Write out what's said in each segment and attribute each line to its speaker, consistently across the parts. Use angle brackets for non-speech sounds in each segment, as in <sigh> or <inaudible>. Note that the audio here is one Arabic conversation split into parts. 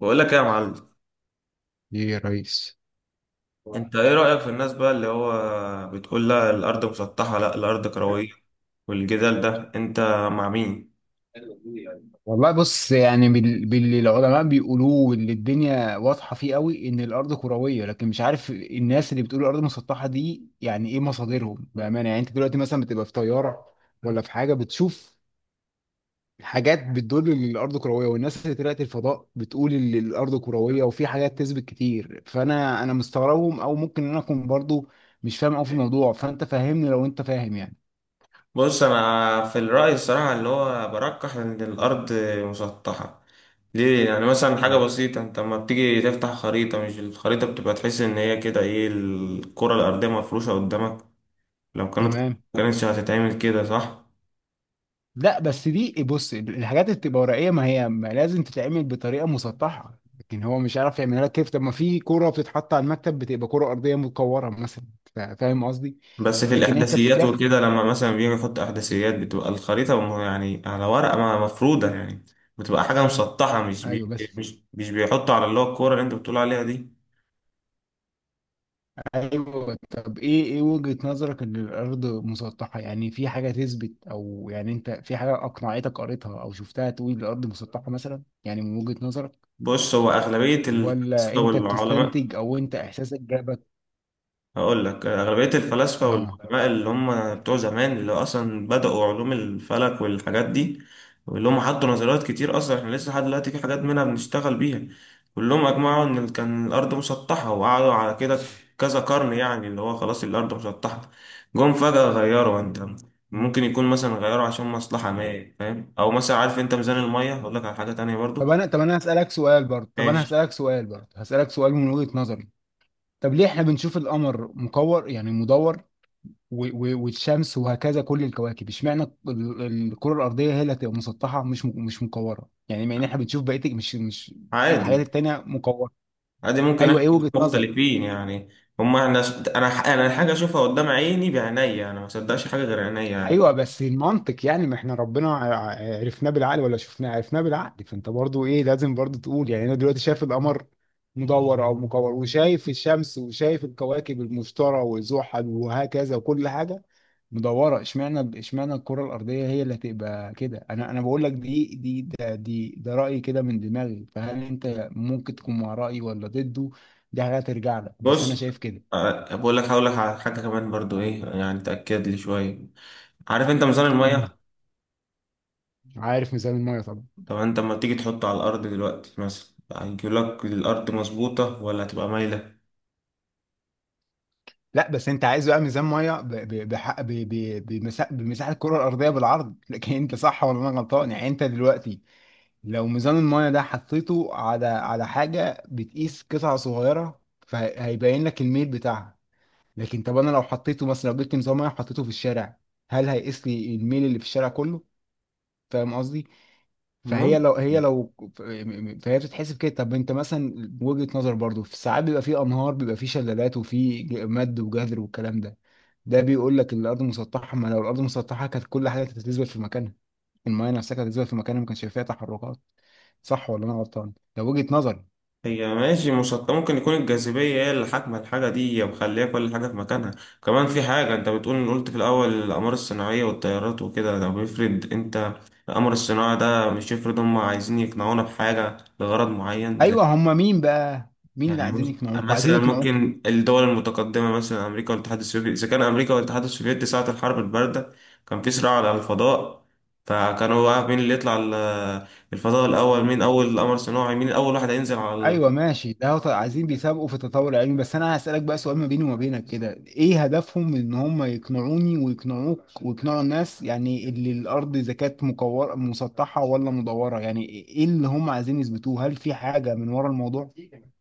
Speaker 1: بقول لك ايه يا معلم؟
Speaker 2: ليه يا ريس؟
Speaker 1: انت ايه رأيك في الناس بقى اللي هو بتقول لا الارض مسطحة لا الارض كروية، والجدال ده انت مع مين؟
Speaker 2: والله بص، يعني باللي العلماء بيقولوه واللي الدنيا واضحة فيه قوي، ان الارض كروية. لكن مش عارف الناس اللي بتقول الارض مسطحة دي، يعني ايه مصادرهم بأمانة؟ يعني انت دلوقتي مثلا بتبقى في طيارة ولا في حاجة بتشوف حاجات بتدل ان الارض كروية، والناس اللي طلعت الفضاء بتقول ان الارض كروية، وفي حاجات تثبت كتير. فانا مستغربهم، او ممكن انا اكون برضو مش فاهم قوي في الموضوع. فانت فهمني لو انت فاهم يعني.
Speaker 1: بص، انا في الرأي الصراحة اللي هو برجح ان الارض مسطحة. ليه؟ يعني مثلا حاجة بسيطة، انت لما بتيجي تفتح خريطة، مش الخريطة بتبقى تحس ان هي كده ايه، الكرة الارضية مفروشة قدامك؟ لو كانت
Speaker 2: تمام.
Speaker 1: كانتش هتتعمل كده، صح؟
Speaker 2: لا، بس دي بص الحاجات اللي بتبقى ورقيه ما هي ما لازم تتعمل بطريقه مسطحه، لكن هو مش عارف يعملها لك كيف. طب ما في كوره بتتحط على المكتب بتبقى كوره ارضيه متكوره مثلا. فاهم قصدي؟
Speaker 1: بس في
Speaker 2: لكن انت
Speaker 1: الإحداثيات
Speaker 2: بتلاقي
Speaker 1: وكده، لما مثلا بيجي يحط إحداثيات بتبقى الخريطة يعني على ورقة مفرودة يعني، بتبقى حاجة مسطحة
Speaker 2: ايوه بس
Speaker 1: مش بيحطوا على اللي هو الكورة اللي أنت بتقول عليها دي.
Speaker 2: ايوه. طب ايه وجهه نظرك ان الارض مسطحه؟ يعني في حاجه تثبت، او يعني انت في حاجه اقنعتك قريتها او شفتها تقول الارض مسطحه مثلا؟ يعني من وجهه نظرك،
Speaker 1: بص، هو أغلبية
Speaker 2: ولا
Speaker 1: الفلاسفة
Speaker 2: انت
Speaker 1: والعلماء،
Speaker 2: بتستنتج، او انت احساسك جابك؟
Speaker 1: هقول لك أغلبية الفلاسفة
Speaker 2: اه.
Speaker 1: والعلماء اللي هم بتوع زمان، اللي أصلا بدأوا علوم الفلك والحاجات دي، واللي هم حطوا نظريات كتير أصلا إحنا لسه لحد دلوقتي في حاجات منها بنشتغل بيها، كلهم أجمعوا إن كان الأرض مسطحة، وقعدوا على كده كذا قرن، يعني اللي هو خلاص الأرض مسطحة. جم فجأة غيروا. أنت ممكن يكون مثلا غيروا عشان مصلحة ما فاهم، أو مثلا عارف أنت ميزان المية؟ هقول لك على حاجة تانية
Speaker 2: طب
Speaker 1: برضو.
Speaker 2: انا طب انا هسألك سؤال برضه طب انا
Speaker 1: ماشي،
Speaker 2: هسألك سؤال برضه هسألك سؤال من وجهة نظري. طب ليه احنا بنشوف القمر مكور يعني مدور؟ والشمس وهكذا كل الكواكب، اشمعنى الكرة الأرضية هي اللي هتبقى مسطحة مش مكورة؟ يعني مع ان احنا بنشوف بقية مش الحاجات
Speaker 1: عادي.
Speaker 2: التانية مكورة.
Speaker 1: عادي، ممكن
Speaker 2: ايوه،
Speaker 1: احنا
Speaker 2: ايه
Speaker 1: نكون
Speaker 2: وجهة نظرك؟
Speaker 1: مختلفين يعني. هما احنا، انا انا الحاجه اشوفها قدام عيني بعينيا، انا ما صدقش حاجه غير عينيا يعني.
Speaker 2: ايوه بس المنطق يعني، ما احنا ربنا عرفناه بالعقل ولا شفناه؟ عرفناه بالعقل. فانت برضو ايه لازم برضو تقول، يعني انا دلوقتي شايف القمر مدور او مكور، وشايف الشمس، وشايف الكواكب المشتري وزحل وهكذا، وكل حاجه مدوره. اشمعنى الكره الارضيه هي اللي هتبقى كده؟ انا بقول لك دي دي ده دي ده رايي كده من دماغي. فهل انت ممكن تكون مع رايي ولا ضده؟ دي حاجه ترجع لك، بس انا
Speaker 1: بص،
Speaker 2: شايف كده.
Speaker 1: آه، بقول لك، هقول لك على حاجه كمان برضو ايه يعني تاكد لي شويه. عارف انت ميزان
Speaker 2: مم.
Speaker 1: الميه؟
Speaker 2: عارف ميزان الميه طبعا.
Speaker 1: طب انت لما تيجي تحطه على الارض دلوقتي مثلا، هيجي لك الارض مظبوطه ولا هتبقى مايله؟
Speaker 2: لا، بس انت عايز بقى ميزان ميه بمساحه الكره الارضيه بالعرض. <laughs> لكن انت صح ولا انا غلطان؟ يعني انت دلوقتي لو ميزان الميه ده حطيته على حاجه بتقيس قطعه صغيره فهيبين لك الميل بتاعها. لكن طب انا لو حطيته مثلا، لو جبت ميزان ميه حطيته في الشارع، هل هيقيس لي الميل اللي في الشارع كله؟ فاهم قصدي؟ فهي
Speaker 1: المهم،
Speaker 2: لو هي لو فهي بتتحسب كده. طب انت مثلا وجهة نظر برضو، في ساعات بيبقى في انهار، بيبقى في شلالات، وفي مد وجذر والكلام ده، ده بيقول لك ان الارض مسطحه. ما لو الارض مسطحه كانت كل حاجه تتزلزل في مكانها، المايه نفسها كانت تتزلزل في مكانها، ما كانش فيها تحركات. صح ولا انا غلطان؟ ده وجهة نظري.
Speaker 1: هي ماشي مسطحة، ممكن يكون الجاذبية هي اللي حاكمة الحاجة دي، هي مخلية كل حاجة في مكانها. كمان في حاجة، انت بتقول قلت في الأول الأقمار الصناعية والطيارات وكده، طب افرض انت القمر الصناعي ده، مش افرض هم عايزين يقنعونا بحاجة لغرض معين، زي
Speaker 2: ايوه، هم مين بقى، مين اللي
Speaker 1: يعني
Speaker 2: عايزين يقنعوك وعايزين
Speaker 1: مثلا
Speaker 2: يقنعوك
Speaker 1: ممكن الدول المتقدمة، مثلا أمريكا والاتحاد السوفيتي، إذا كان أمريكا والاتحاد السوفيتي ساعة الحرب الباردة كان في صراع على الفضاء، فكانوا بقى مين اللي يطلع الفضاء الأول، مين أول قمر صناعي، مين أول واحد هينزل على.
Speaker 2: ايوه ماشي، ده هو عايزين بيسابقوا في التطور العلمي. بس انا هسألك بقى سؤال ما بيني وما بينك كده، ايه هدفهم من ان هم يقنعوني ويقنعوك ويقنعوا الناس، يعني اللي الارض اذا كانت مكورة مسطحة ولا مدورة، يعني ايه اللي هم عايزين يثبتوه؟ هل في حاجة من ورا الموضوع؟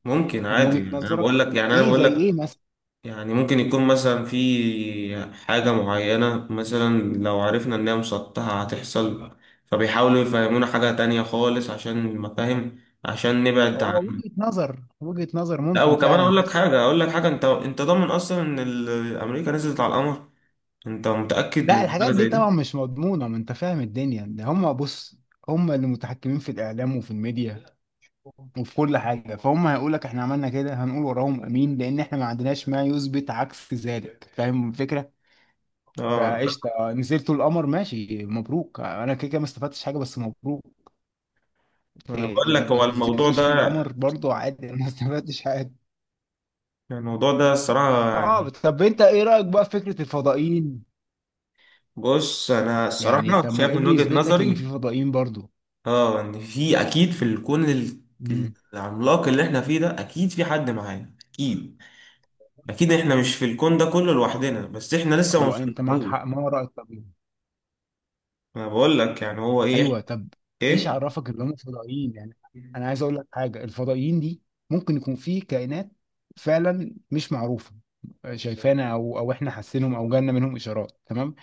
Speaker 1: ممكن،
Speaker 2: من
Speaker 1: عادي
Speaker 2: وجهة
Speaker 1: يعني، انا
Speaker 2: نظرك،
Speaker 1: بقول لك يعني انا
Speaker 2: ايه
Speaker 1: بقول
Speaker 2: زي ايه
Speaker 1: لك
Speaker 2: مثلا؟
Speaker 1: يعني ممكن يكون مثلا في حاجة معينة، مثلا لو عرفنا ان هي مسطحة هتحصل، فبيحاولوا يفهمونا حاجة تانية خالص عشان مفاهيم، عشان نبعد
Speaker 2: هو
Speaker 1: عنها.
Speaker 2: وجهة نظر
Speaker 1: لا،
Speaker 2: ممكن
Speaker 1: وكمان
Speaker 2: فعلا
Speaker 1: اقول لك
Speaker 2: بس.
Speaker 1: حاجة اقول لك حاجة انت ضامن اصلا ان امريكا نزلت على القمر؟ انت متأكد
Speaker 2: لا،
Speaker 1: من حاجة
Speaker 2: الحاجات دي
Speaker 1: زي
Speaker 2: طبعا
Speaker 1: دي؟
Speaker 2: مش مضمونة، ما انت فاهم الدنيا ده. هم بص هم اللي متحكمين في الاعلام وفي الميديا وفي كل حاجه، فهم هيقول لك احنا عملنا كده، هنقول وراهم امين، لان احنا ما عندناش ما يثبت عكس ذلك. فاهم الفكره؟
Speaker 1: اه،
Speaker 2: فقشطه، نزلتوا القمر ماشي مبروك، انا كده كده ما استفدتش حاجه، بس مبروك.
Speaker 1: انا
Speaker 2: إيه،
Speaker 1: بقول لك هو
Speaker 2: ما
Speaker 1: الموضوع
Speaker 2: نزلتوش
Speaker 1: ده،
Speaker 2: القمر برضو عادي، أنا ما استفدتش حاجه.
Speaker 1: الموضوع ده الصراحة
Speaker 2: اه،
Speaker 1: يعني.
Speaker 2: طب انت ايه رايك بقى في فكره الفضائيين؟
Speaker 1: بص، انا
Speaker 2: يعني
Speaker 1: الصراحة
Speaker 2: طب ما
Speaker 1: شايف
Speaker 2: ايه
Speaker 1: من
Speaker 2: اللي
Speaker 1: وجهة
Speaker 2: يثبت لك اللي فيه
Speaker 1: نظري،
Speaker 2: فضائيين برضو؟
Speaker 1: اه، ان في اكيد، في الكون
Speaker 2: امم.
Speaker 1: العملاق اللي احنا فيه ده، اكيد في حد معانا، اكيد اكيد احنا مش في الكون ده كله لوحدنا، بس احنا لسه ما
Speaker 2: هو انت معاك
Speaker 1: وصلناهوش.
Speaker 2: حق، ما هو رايك طب إيه؟
Speaker 1: انا بقول لك يعني هو ايه.
Speaker 2: ايوه طب، ايش
Speaker 1: ايه؟
Speaker 2: عرفك ان هم فضائيين يعني؟ انا عايز اقول لك حاجه، الفضائيين دي ممكن يكون في كائنات فعلا مش معروفه شايفانا، او احنا حاسينهم او جالنا منهم اشارات، تمام.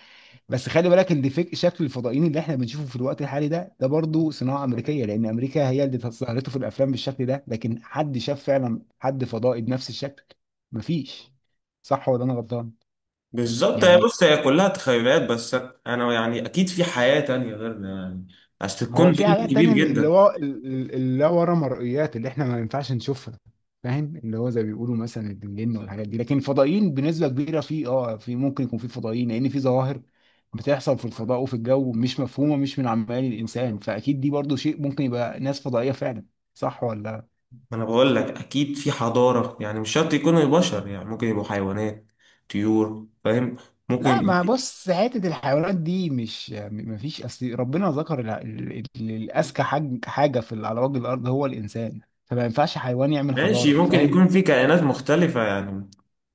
Speaker 2: بس خلي بالك ان شكل الفضائيين اللي احنا بنشوفه في الوقت الحالي ده برضه صناعه امريكيه، لان امريكا هي اللي ظهرته في الافلام بالشكل ده. لكن حد شاف فعلا حد فضائي بنفس الشكل؟ مفيش. صح ولا انا غلطان؟
Speaker 1: بالظبط. هي
Speaker 2: يعني
Speaker 1: بص، هي كلها تخيلات بس. انا يعني اكيد في حياة تانية غيرنا يعني، اصل
Speaker 2: هو
Speaker 1: الكون ده
Speaker 2: في حاجات
Speaker 1: كبير
Speaker 2: تانية اللي
Speaker 1: جدا.
Speaker 2: هو اللي ورا مرئيات اللي احنا ما ينفعش نشوفها. فاهم اللي هو زي ما بيقولوا مثلا الجن والحاجات دي. لكن الفضائيين بنسبة كبيرة، في، ممكن يكون في فضائيين لأن في ظواهر بتحصل في الفضاء وفي الجو مش مفهومة، مش من عمال الإنسان، فأكيد دي برضو شيء ممكن يبقى ناس فضائية فعلا. صح ولا؟
Speaker 1: انا بقول لك اكيد في حضارة، يعني مش شرط يكونوا بشر، يعني ممكن يبقوا حيوانات، طيور، فاهم؟
Speaker 2: لا،
Speaker 1: ممكن.
Speaker 2: ما بص حتة الحيوانات دي مش، ما فيش، أصل ربنا ذكر الأذكى حاجة في على وجه الأرض هو الإنسان، فما ينفعش حيوان يعمل
Speaker 1: ماشي،
Speaker 2: حضارة.
Speaker 1: ممكن
Speaker 2: فاهم؟
Speaker 1: يكون في كائنات مختلفة يعني،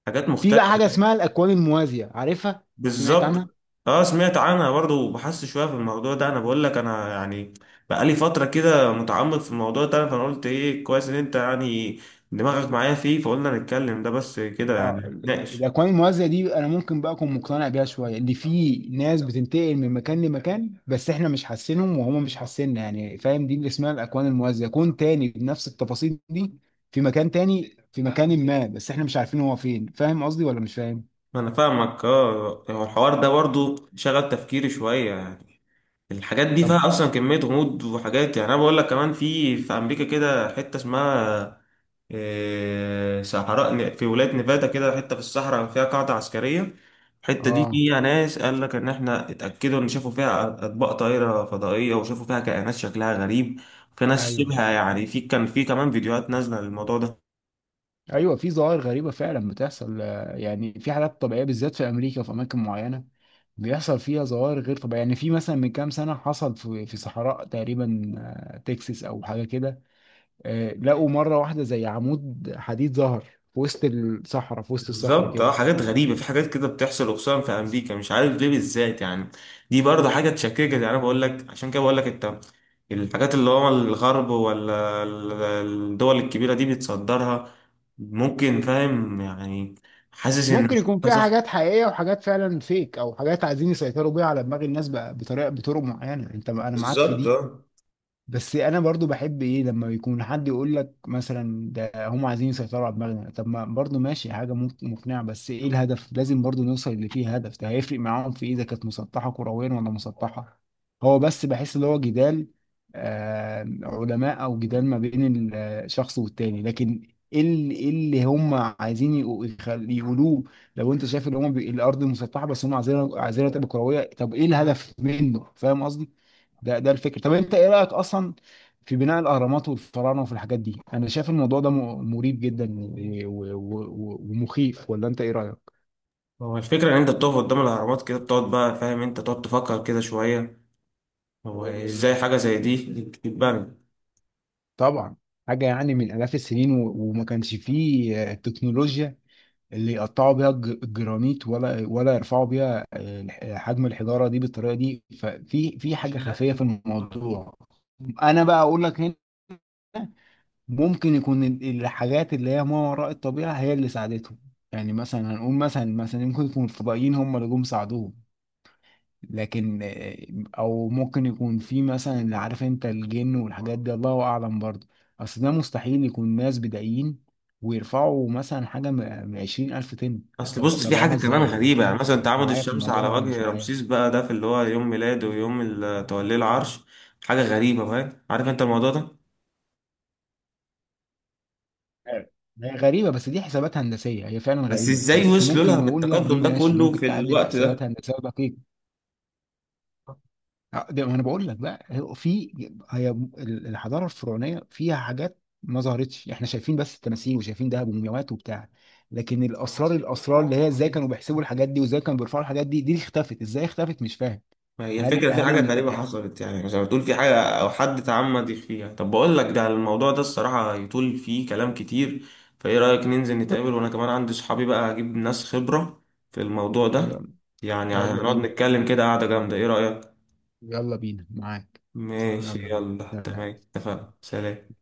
Speaker 1: حاجات
Speaker 2: في بقى
Speaker 1: مختلفة.
Speaker 2: حاجه اسمها الاكوان الموازيه، عارفها؟ سمعت عنها؟
Speaker 1: بالظبط. اه، سمعت عنها برضو، وبحثت شوية في الموضوع ده. انا بقول لك انا يعني بقالي فترة كده متعمق في الموضوع ده، فانا قلت ايه كويس ان انت يعني دماغك معايا فيه، فقلنا نتكلم ده بس كده يعني،
Speaker 2: اه،
Speaker 1: نتناقش.
Speaker 2: الاكوان الموازيه دي انا ممكن بقى اكون مقتنع بيها شويه، ان في ناس بتنتقل من مكان لمكان بس احنا مش حاسينهم وهم مش حاسيننا يعني. فاهم؟ دي اللي اسمها الاكوان الموازيه، كون تاني بنفس التفاصيل دي في مكان تاني، في مكان ما، بس احنا مش عارفين هو فين. فاهم قصدي ولا مش فاهم؟
Speaker 1: انا فاهمك. اه، هو الحوار ده برضو شغل تفكيري شوية يعني، الحاجات دي
Speaker 2: طب.
Speaker 1: فيها اصلا كمية غموض وحاجات. يعني انا بقول لك كمان، في امريكا كده حتة اسمها إيه، صحراء في ولاية نيفادا، كده حتة في الصحراء فيها قاعدة عسكرية، الحتة دي
Speaker 2: اه.
Speaker 1: فيها ناس قال لك إن إحنا اتأكدوا إن شافوا فيها أطباق طائرة فضائية، وشافوا فيها كائنات شكلها غريب. في ناس
Speaker 2: ايوه
Speaker 1: شبه يعني، في كان في كمان فيديوهات نازلة للموضوع.
Speaker 2: ايوه. في ظواهر غريبه فعلا بتحصل، يعني في حالات طبيعيه بالذات في امريكا وفي اماكن معينه بيحصل فيها ظواهر غير طبيعيه. يعني في مثلا من كام سنه حصل في صحراء تقريبا، تكساس او حاجه كده، لقوا مره واحده زي عمود حديد ظهر في وسط الصحراء في وسط الصخر
Speaker 1: بالظبط،
Speaker 2: كده.
Speaker 1: اه، حاجات غريبة، في حاجات كده بتحصل، وخصوصا في أمريكا، مش عارف ليه بالذات يعني. دي برضه حاجة تشككك يعني، أنا بقول لك عشان كده بقول لك أنت الحاجات اللي هو الغرب ولا الدول الكبيرة دي بتصدرها ممكن، فاهم يعني، حاسس إن
Speaker 2: ممكن
Speaker 1: مش
Speaker 2: يكون
Speaker 1: كلها
Speaker 2: فيها
Speaker 1: صح.
Speaker 2: حاجات حقيقيه وحاجات فعلا فيك، او حاجات عايزين يسيطروا بيها على دماغ الناس بقى بطرق معينه. انت انا معاك في
Speaker 1: بالظبط،
Speaker 2: دي.
Speaker 1: اه.
Speaker 2: بس انا برضو بحب ايه، لما يكون حد يقول لك مثلا ده هم عايزين يسيطروا على دماغنا، طب ما برضو ماشي حاجه ممكن مقنعه، بس ايه الهدف؟ لازم برضو نوصل اللي فيه هدف. ده هيفرق معاهم في ايه اذا كانت مسطحه كرويا ولا مسطحه؟ هو بس بحس اللي هو جدال علماء، او جدال ما بين الشخص والتاني، لكن ايه اللي هم عايزين يقولوه؟ لو انت شايف ان هم الارض مسطحه، بس هم عايزينها تبقى كرويه، طب ايه الهدف منه؟ فاهم؟ ده الفكر. طب انت ايه رايك اصلا في بناء الاهرامات والفراعنه وفي الحاجات دي؟ انا شايف الموضوع ده مريب جدا ومخيف، ولا انت ايه رايك؟
Speaker 1: هو الفكرة إن أنت بتقف قدام الأهرامات كده، بتقعد بقى فاهم، أنت تقعد تفكر كده شوية، هو إزاي حاجة زي دي تتبنى؟
Speaker 2: طبعا حاجه يعني من الاف السنين وما كانش فيه التكنولوجيا اللي يقطعوا بيها الجرانيت، ولا يرفعوا بيها حجم الحجاره دي بالطريقه دي. ففي حاجه خفيه في الموضوع. انا بقى اقول لك ممكن يكون الحاجات اللي هي ما وراء الطبيعة هي اللي ساعدتهم. يعني مثلا هنقول مثلا ممكن يكون الفضائيين هم اللي جم ساعدوهم. لكن او ممكن يكون في مثلا، اللي عارف انت الجن والحاجات دي الله اعلم برضه. اصل ده مستحيل يكون ناس بدائيين ويرفعوا مثلا حاجة من 20 ألف طن.
Speaker 1: اصل
Speaker 2: طب
Speaker 1: بص، في حاجه
Speaker 2: طلعوها
Speaker 1: كمان
Speaker 2: ازاي يعني؟
Speaker 1: غريبه، يعني
Speaker 2: فاهم
Speaker 1: مثلا تعامد
Speaker 2: معايا في
Speaker 1: الشمس
Speaker 2: الموضوع
Speaker 1: على
Speaker 2: ده ولا
Speaker 1: وجه
Speaker 2: مش معايا؟
Speaker 1: رمسيس بقى، ده في اللي هو يوم ميلاده، ويوم آه، توليه العرش. حاجه غريبه، فاهم؟ عارف انت الموضوع ده؟
Speaker 2: أيوة. هي غريبة بس دي حسابات هندسية، هي فعلا
Speaker 1: بس
Speaker 2: غريبة،
Speaker 1: ازاي
Speaker 2: بس
Speaker 1: وصلوا لها
Speaker 2: ممكن نقول لك
Speaker 1: بالتقدم
Speaker 2: دي
Speaker 1: ده
Speaker 2: ماشي،
Speaker 1: كله
Speaker 2: ممكن
Speaker 1: في
Speaker 2: تعدي
Speaker 1: الوقت
Speaker 2: بحسابات
Speaker 1: ده؟
Speaker 2: هندسية دقيقة. ده ما انا بقول لك بقى، هو في، هي الحضاره الفرعونيه فيها حاجات ما ظهرتش. احنا شايفين بس التماثيل وشايفين دهب ومومياوات وبتاع، لكن الاسرار اللي هي ازاي كانوا بيحسبوا الحاجات دي، وازاي كانوا بيرفعوا الحاجات دي اللي اختفت ازاي اختفت مش فاهم.
Speaker 1: ما هي
Speaker 2: هل
Speaker 1: الفكره، في
Speaker 2: هل
Speaker 1: حاجه غريبه
Speaker 2: ال...
Speaker 1: حصلت يعني، زي ما تقول في حاجه او حد تعمد فيها. طب بقول لك، ده الموضوع ده الصراحه يطول فيه كلام كتير، فايه رايك ننزل نتقابل؟ وانا كمان عندي صحابي بقى هجيب ناس خبره في الموضوع ده،
Speaker 2: يلا.
Speaker 1: يعني
Speaker 2: يلا
Speaker 1: هنقعد
Speaker 2: بينا،
Speaker 1: نتكلم كده قعده جامده، ايه رايك؟
Speaker 2: يلا بينا معاك.
Speaker 1: ماشي،
Speaker 2: يلا بينا.
Speaker 1: يلا، تمام، اتفقنا،
Speaker 2: سلام.
Speaker 1: سلام.